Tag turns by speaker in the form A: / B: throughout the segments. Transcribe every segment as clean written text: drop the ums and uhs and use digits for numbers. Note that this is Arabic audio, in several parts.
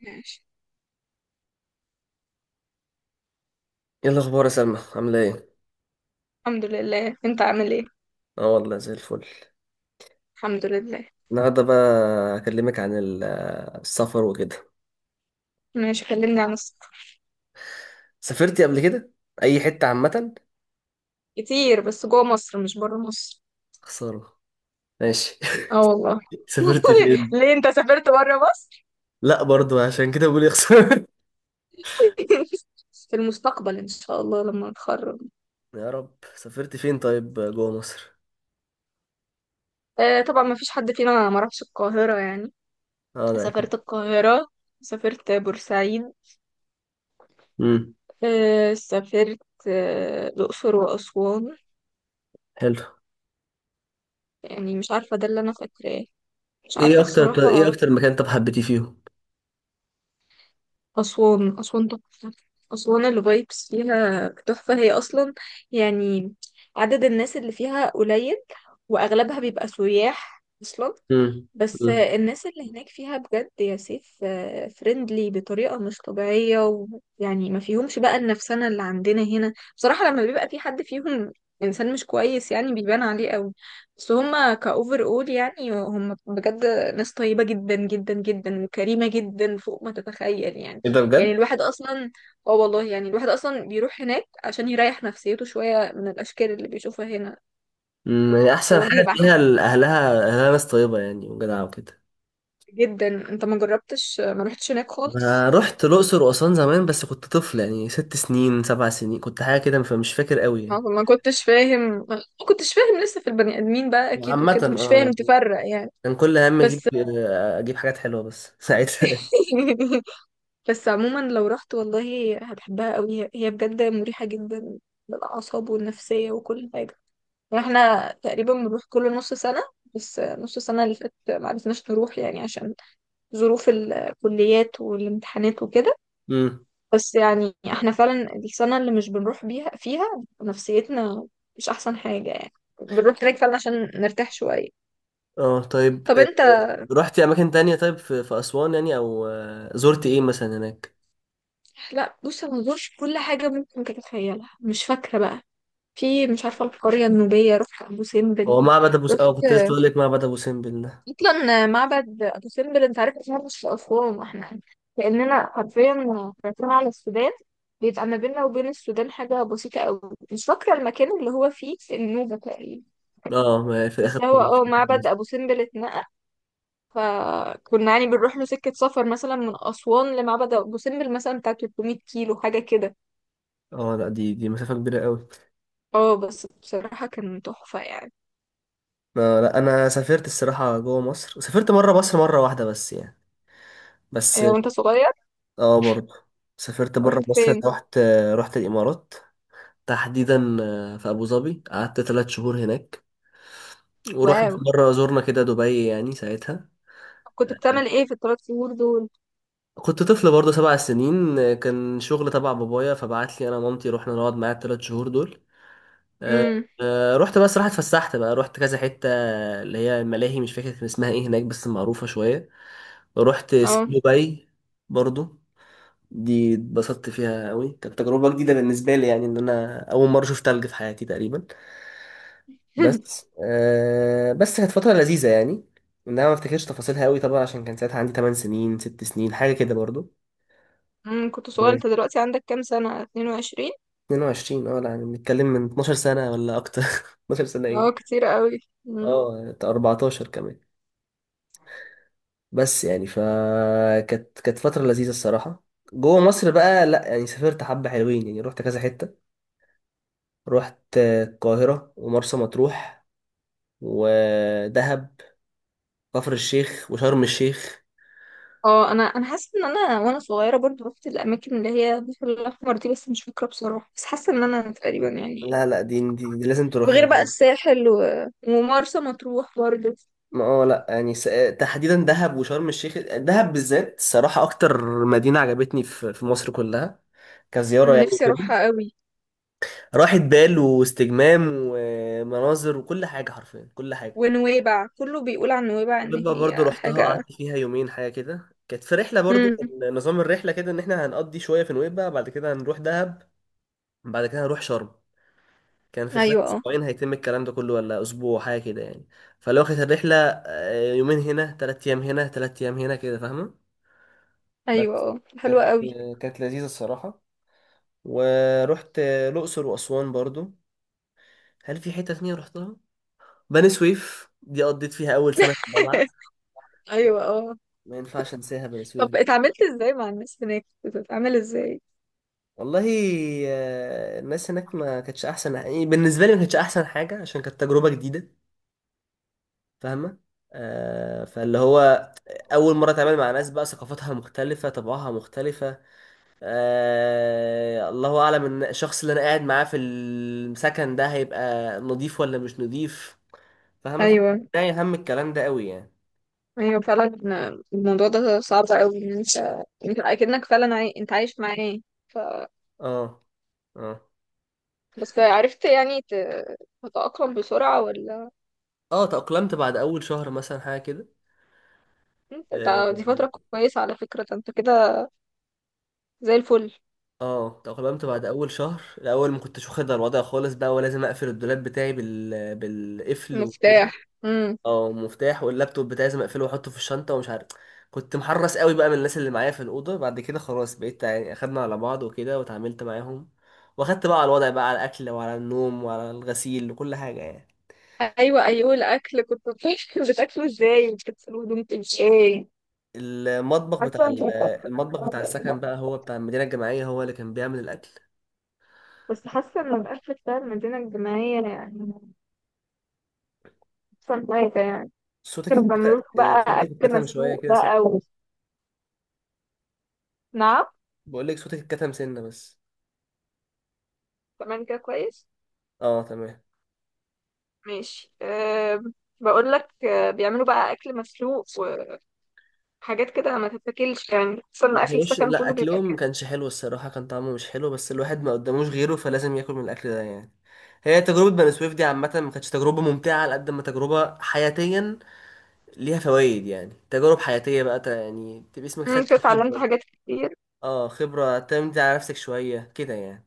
A: ماشي.
B: ايه الاخبار يا سلمى، عامله ايه؟
A: الحمد لله. انت عامل ايه؟
B: اه والله زي الفل.
A: الحمد لله.
B: النهارده بقى اكلمك عن السفر وكده.
A: ماشي، كلمني عن السفر.
B: سافرتي قبل كده اي حته عامه؟
A: كتير، بس جوه مصر مش بره مصر.
B: خساره. ماشي.
A: اه والله.
B: سافرتي فين؟
A: ليه انت سافرت بره مصر؟
B: لا، برضو عشان كده بقول يا خساره.
A: في المستقبل ان شاء الله لما اتخرج.
B: يا رب. سافرتي فين طيب جوه مصر؟
A: آه طبعا، ما فيش حد فينا ما راحش القاهرة يعني.
B: اه، ده اكيد.
A: سافرت القاهرة. سافرت بورسعيد.
B: امم.
A: آه سافرت. آه الأقصر وأسوان.
B: حلو.
A: يعني مش عارفة، ده اللي أنا فاكراه. مش
B: ايه
A: عارفة
B: اكتر ايه
A: الصراحة.
B: اكتر مكان طب حبيتي فيهم؟
A: أسوان أسوان تحفة. أسوان الفايبس فيها تحفة هي أصلا، يعني عدد الناس اللي فيها قليل، وأغلبها بيبقى سياح أصلا.
B: امم.
A: بس
B: امم.
A: الناس اللي هناك فيها بجد يا سيف فريندلي بطريقة مش طبيعية، ويعني ما فيهمش بقى النفسنة اللي عندنا هنا بصراحة. لما بيبقى في حد فيهم إنسان مش كويس يعني بيبان عليه قوي، بس هما كأوفر أول يعني هما بجد ناس طيبة جدا جدا جدا وكريمة جدا فوق ما تتخيل يعني.
B: ايه ده
A: يعني
B: بجد؟
A: الواحد اصلا اه والله، يعني الواحد اصلا بيروح هناك عشان يريح نفسيته شوية من الاشكال اللي بيشوفها هنا
B: امم. يعني
A: في
B: احسن
A: وجه
B: حاجه فيها
A: بحري
B: اهلها، ناس طيبه يعني وجدعه وكده.
A: جدا. انت ما جربتش، ما رحتش هناك خالص؟
B: انا رحت الاقصر واسوان زمان بس كنت طفل، يعني 6 سنين 7 سنين كنت، حاجه كده، فمش فاكر قوي
A: اه
B: يعني.
A: ما كنتش فاهم، ما كنتش فاهم لسه في البني ادمين بقى اكيد
B: عامه
A: وكده، مش فاهم
B: اه.
A: تفرق يعني.
B: كان كل هم اجيب
A: بس
B: آه، اجيب حاجات حلوه بس ساعتها.
A: بس عموما لو رحت والله هتحبها قوي، هي بجد مريحة جدا للاعصاب والنفسية وكل حاجة. واحنا تقريبا بنروح كل نص سنة، بس نص سنة اللي فاتت معرفناش نروح يعني عشان ظروف الكليات والامتحانات وكده.
B: امم.
A: بس يعني احنا فعلا السنة اللي مش بنروح بيها فيها نفسيتنا مش أحسن حاجة يعني. بنروح هناك فعلا عشان نرتاح شوية.
B: اه طيب.
A: طب انت؟
B: رحتي اماكن تانية طيب في اسوان يعني، او زرت ايه مثلا هناك؟
A: لا بص انا مزورش كل حاجة ممكن تتخيلها، مش فاكرة بقى. في مش عارفة، القرية النوبية، رحت أبو سمبل.
B: هو معبد ابو س-
A: رحت.
B: اه كنت لسه بقول لك معبد ابو سمبل ده.
A: اصلا معبد ابو سمبل انت عارف إن هو مش في اسوان؟ احنا كاننا حرفيا رايحين على السودان. بيبقى ما بيننا وبين السودان حاجه بسيطه قوي. مش فاكره المكان اللي هو فيه، النوبه تقريبا.
B: اه، ما في الاخر
A: بس هو
B: خالص.
A: معبد ابو سمبل اتنقل، فكنا يعني بنروح له سكه سفر مثلا من اسوان لمعبد ابو سمبل مثلا بتاع 300 كيلو حاجه كده.
B: اه لا، دي مسافه كبيره قوي.
A: اه بس بصراحه كان تحفه يعني.
B: لا، انا سافرت الصراحه جوه مصر، سافرت مره مصر مره واحده بس يعني. بس.
A: وانت صغير
B: اه، برضه سافرت بره
A: رحت
B: مصر،
A: فين؟
B: رحت. رحت الامارات. تحديدا في ابو ظبي، قعدت 3 شهور هناك. ورحنا
A: واو.
B: في مره زرنا كده دبي يعني ساعتها.
A: كنت بتعمل ايه في الثلاث شهور دول؟
B: كنت طفل برضه، 7 سنين، كان شغل تبع بابايا فبعت لي انا ومامتي، رحنا نقعد معاه الثلاث شهور دول. آه،
A: امم.
B: رحت بقى، صراحه اتفسحت بقى، رحت كذا حته، اللي هي الملاهي، مش فاكر كان اسمها ايه هناك بس معروفه شويه. رحت
A: اه.
B: سكي دبي برضه. دي اتبسطت فيها قوي، كانت تجربة جديدة بالنسبة لي، يعني ان انا اول مرة اشوف تلج في حياتي تقريبا. بس كانت فترة لذيذة، يعني ان انا ما افتكرش تفاصيلها قوي طبعا، عشان كان ساعتها عندي 8 سنين 6 سنين حاجة كده برضو.
A: كنت صغيرة.
B: مم.
A: انت دلوقتي عندك كام سنة، 22؟
B: 22 اه، لا يعني بنتكلم من 12 سنة ولا أكتر. 12 سنة إيه؟
A: اه كتير قوي. مم.
B: اه، 14 كمان. بس يعني فكانت كانت فترة لذيذة الصراحة. جوه مصر بقى، لا يعني سافرت حبة حلوين يعني، رحت كذا حتة. رحت القاهرة ومرسى مطروح، ودهب، كفر الشيخ وشرم الشيخ.
A: اه انا حاسة ان انا وانا صغيرة برضو رحت الاماكن اللي هي البحر الاحمر دي، بس مش فاكرة بصراحة. بس حاسة ان انا تقريبا يعني.
B: لا لا، دي لازم تروحيها
A: وغير بقى
B: برضه.
A: الساحل و... ومرسى مطروح برضو.
B: ما اه لا يعني تحديدا دهب وشرم الشيخ، دهب بالذات الصراحة أكتر مدينة عجبتني في مصر كلها، كزيارة
A: انا
B: يعني
A: نفسي
B: كده.
A: اروحها قوي.
B: راحة بال واستجمام ومناظر وكل حاجة، حرفيا كل حاجة.
A: ونويبع، كله بيقول عن نويبع ان
B: وببقى برضو
A: هي
B: رحتها،
A: حاجة.
B: قعدت فيها يومين حاجة كده، كانت في رحلة برضو،
A: امم.
B: كان نظام الرحلة كده، إن إحنا هنقضي شوية في نويبع، بعد كده هنروح دهب، بعد كده هنروح شرم. كان في خلال
A: ايوه اه.
B: اسبوعين هيتم الكلام ده كله، ولا اسبوع حاجه كده يعني. فلو كانت الرحله يومين هنا، 3 ايام هنا، 3 ايام هنا كده، فاهمه.
A: ايوه
B: بس.
A: اه حلوة
B: كانت
A: قوي.
B: كانت لذيذه الصراحه. ورحت الاقصر واسوان برضو. هل في حته تانية رحتها؟ بني سويف، دي قضيت فيها اول سنه في الجامعه.
A: ايوه اه.
B: ما ينفعش انساها بني
A: طب
B: سويف دي.
A: اتعاملت ازاي مع الناس هناك؟ كنت بتتعامل ازاي؟
B: والله الناس هناك ما كانتش احسن، يعني بالنسبه لي ما كانتش احسن حاجه، عشان كانت تجربه جديده. فاهمة؟ فاللي هو أول مرة أتعامل مع ناس بقى ثقافتها مختلفة، طبعها مختلفة. الله أعلم إن الشخص اللي أنا قاعد معاه في السكن ده هيبقى نضيف ولا مش نضيف. فاهمة؟ فده
A: ايوه
B: يهم الكلام ده قوي يعني.
A: ايوه فعلا. الموضوع ده صعب قوي، ان انت انت اكنك فعلا انت عايش معاه. ف...
B: اه. اه.
A: بس عرفت يعني تتأقلم بسرعة ولا؟
B: اه، تأقلمت بعد أول شهر مثلا حاجة كده. اه.
A: دي فترة كويسة على فكرة. ده انت كده زي الفل.
B: تأقلمت بعد أول شهر، الأول ما كنتش واخد على الوضع خالص بقى، ولازم أقفل الدولاب بتاعي بالقفل
A: مفتاح.
B: وكده.
A: امم.
B: اه، مفتاح. واللابتوب بتاعي لازم اقفله واحطه في الشنطه، ومش عارف، كنت محرص قوي بقى من الناس اللي معايا في الاوضه. بعد كده خلاص بقيت يعني، اخدنا على بعض وكده، وتعاملت معاهم، واخدت بقى على الوضع، بقى على الاكل وعلى النوم وعلى الغسيل وكل حاجه يعني.
A: ايوه ايوه، الاكل كنت بتاكله؟ بتاكله ازاي وبتغسله هدومك ازاي؟
B: المطبخ بتاع
A: حاسه انت
B: ال- المطبخ بتاع السكن بقى، هو بتاع المدينه الجامعيه، هو اللي كان بيعمل الاكل.
A: بس حاسه ان الاكل بتاع المدينه الجامعيه يعني احسن حاجه يعني.
B: صوتك
A: كانوا بيعملوا لكم
B: اتكتم.
A: بقى
B: صوتك
A: اكل
B: اتكتم شويه
A: مسلوق
B: كده سنه.
A: بقى نعم؟
B: بقول لك صوتك اتكتم سنه بس.
A: كمان كده كويس.
B: اه، تمام.
A: ماشي أه. بقول لك أه بيعملوا بقى اكل مسلوق وحاجات كده ما تتاكلش يعني، خصوصا إن
B: ما
A: اكل
B: كانوش،
A: السكن
B: لا
A: كله بيبقى
B: اكلهم ما
A: كده.
B: كانش حلو الصراحه، كان طعمه مش حلو، بس الواحد ما قداموش غيره، فلازم ياكل من الاكل ده يعني. هي تجربه بني سويف دي عامه ما كانتش تجربه ممتعه، على قد ما تجربه حياتيا، ليها فوائد، يعني تجارب حياتيه بقى، يعني تبقى اسمك خدت
A: كده اتعلمت
B: خبره.
A: حاجات كتير.
B: اه، خبره تعتمد على نفسك شويه كده يعني.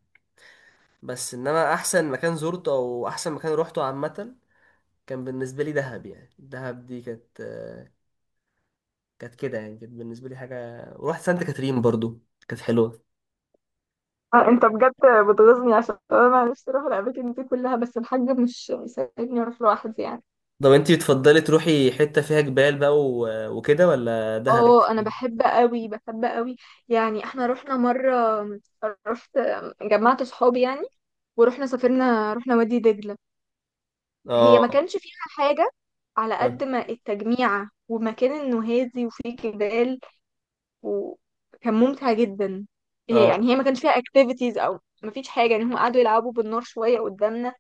B: بس انما احسن مكان زرته، او احسن مكان روحته عامه، كان بالنسبه لي دهب يعني. دهب دي كانت كانت كده يعني، كانت بالنسبه لي حاجه. ورحت سانت كاترين برضو، كانت حلوه.
A: آه انت بجد بتغيظني عشان انا نفسي اروح الاماكن دي كلها، بس الحاج مش مساعدني اروح لوحدي يعني.
B: طب انتي بتفضلي تروحي حتة فيها جبال بقى وكده، ولا دهب؟
A: اه انا بحب قوي، بحب قوي. يعني احنا رحنا مره، رحت، جمعت صحابي يعني ورحنا، سافرنا، رحنا وادي دجله. هي
B: اه.
A: ما كانش فيها حاجه على
B: اه.
A: قد ما التجميعة ومكان انه هادي وفيه جبال، وكان ممتع جدا. هي
B: اه،
A: يعني هي ما كانش فيها اكتيفيتيز او ما فيش حاجه يعني، هم قعدوا يلعبوا بالنار شويه قدامنا،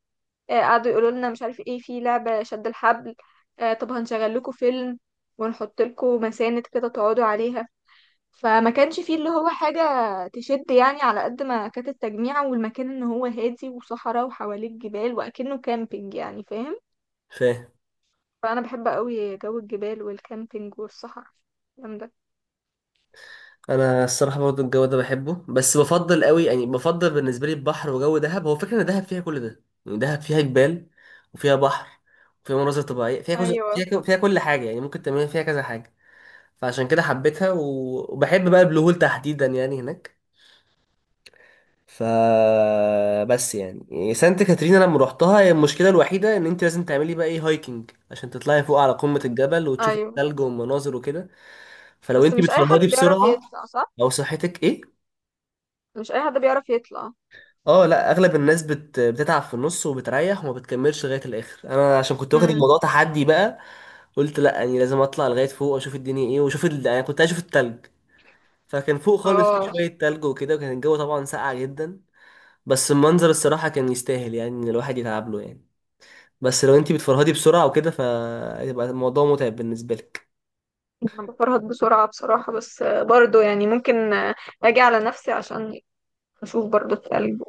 A: قعدوا يقولوا لنا مش عارف ايه في لعبه شد الحبل. طب هنشغل لكم فيلم، ونحط لكم مساند كده تقعدوا عليها. فما كانش فيه اللي هو حاجه تشد يعني، على قد ما كانت التجميعة والمكان ان هو هادي وصحراء وحواليه جبال واكنه كامبينج يعني، فاهم؟
B: فاهم.
A: فانا بحب قوي جو الجبال والكامبينج والصحراء، الكلام ده.
B: انا الصراحة برضه الجو ده بحبه، بس بفضل قوي يعني، بفضل بالنسبة لي البحر وجو دهب، هو فكرة ان دهب فيها كل ده، يعني دهب فيها جبال، وفيها بحر، وفيها مناظر طبيعية، فيها كذا،
A: ايوه.
B: فيها كل حاجة يعني، ممكن تعملي فيها كذا حاجة. فعشان كده حبيتها وبحب بقى البلو هول تحديدا يعني هناك. ف بس يعني سانت كاترين انا لما روحتها، هي المشكله الوحيده ان انت لازم تعملي بقى ايه، هايكنج، عشان تطلعي فوق على قمه الجبل وتشوفي
A: ايوه.
B: الثلج والمناظر وكده. فلو
A: بس
B: انت
A: مش اي حد
B: بتفرهدي
A: بيعرف
B: بسرعه،
A: يطلع صح.
B: او صحتك ايه.
A: مش اي حد بيعرف يطلع.
B: اه لا، اغلب الناس بتتعب في النص وبتريح وما بتكملش لغايه الاخر. انا عشان كنت واخد
A: امم.
B: الموضوع تحدي بقى، قلت لا يعني لازم اطلع لغايه فوق واشوف الدنيا ايه واشوف يعني كنت عايز اشوف الثلج. فكان فوق خالص في
A: اه
B: شويه ثلج وكده، وكان الجو طبعا ساقع جدا، بس المنظر الصراحه كان يستاهل يعني، ان الواحد يتعب له يعني. بس لو انتي بتفرهدي بسرعة وكده، فهيبقى الموضوع متعب بالنسبة لك.
A: انا بفرهد بسرعة بصراحة، بس برضو يعني ممكن اجي على نفسي عشان اشوف برضو التلج.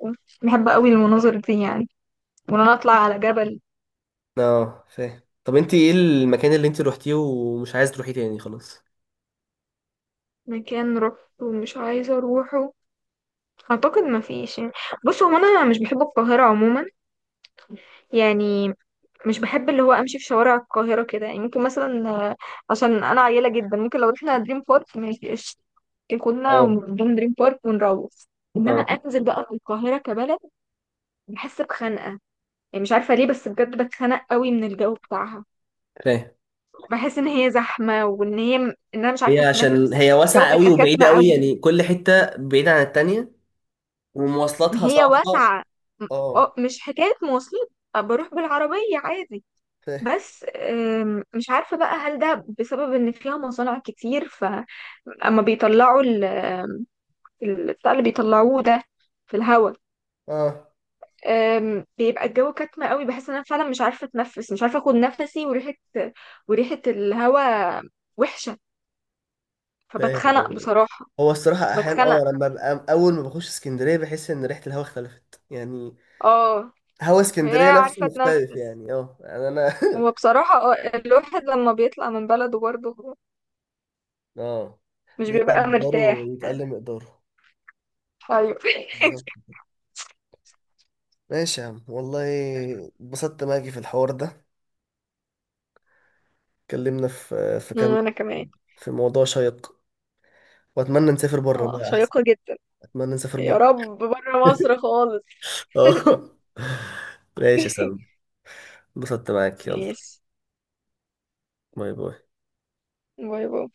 A: بحب قوي المناظر دي يعني، وان انا اطلع على جبل.
B: اه، فاهم. طب انتي ايه المكان اللي انتي روحتيه ومش عايز تروحيه تاني خلاص؟
A: مكان روحته ومش عايزة اروحه؟ اعتقد ما فيش يعني. بصوا هو انا مش بحب القاهرة عموما، يعني مش بحب اللي هو امشي في شوارع القاهره كده. يعني ممكن مثلا عشان انا عيله جدا، ممكن لو رحنا دريم بارك ماشي قشطة. ممكن كنا
B: اه.
A: ونروح دريم بارك ونروح، انما
B: اه،
A: انزل بقى في القاهره كبلد بحس بخنقه. يعني مش عارفه ليه، بس بجد بتخنق قوي من الجو بتاعها.
B: فاهم.
A: بحس ان هي زحمه، وان هي ان انا مش
B: هي
A: عارفه
B: عشان هي
A: اتنفس، الجو
B: واسعة قوي
A: بيبقى
B: وبعيدة
A: كاتمه
B: قوي،
A: قوي.
B: يعني كل حتة بعيدة عن التانية،
A: ما
B: ومواصلاتها
A: هي
B: صعبة.
A: واسعه. م-
B: اه،
A: اه مش حكايه مواصلات، بروح بالعربيه عادي.
B: فاهم.
A: بس مش عارفة بقى هل ده بسبب ان فيها مصانع كتير، فاما بيطلعوا البتاع اللي بيطلعوه ده في الهواء،
B: اه،
A: بيبقى الجو كتمة قوي. بحس ان انا فعلا مش عارفة اتنفس، مش عارفة اخد نفسي، وريحة، وريحة الهواء وحشة،
B: فاهم.
A: فبتخنق
B: ايوه.
A: بصراحة.
B: هو الصراحة أحيانا،
A: بتخنق.
B: لما ببقى أول ما بخش اسكندرية، بحس إن ريحة الهوا اختلفت يعني.
A: اه.
B: هوا
A: هي
B: اسكندرية نفسه
A: عارفة
B: مختلف
A: اتنفس.
B: يعني. اه يعني أنا.
A: هو بصراحة الواحد لما بيطلع من بلده برضه
B: اه،
A: مش
B: ده يطلع
A: بيبقى
B: مقداره
A: مرتاح.
B: يتقل مقداره.
A: ايوه.
B: بالظبط. ماشي يا عم، والله اتبسطت معاكي في الحوار ده. اتكلمنا في كام
A: انا كمان.
B: في موضوع شيق، واتمنى نسافر بره
A: اه
B: بقى احسن.
A: شيقة جدا.
B: اتمنى نسافر
A: يا
B: بره.
A: رب بره مصر خالص.
B: اه. ماشي يا سلمى، اتبسطت معاك. يلا،
A: ماشي.
B: باي باي.
A: باي باي.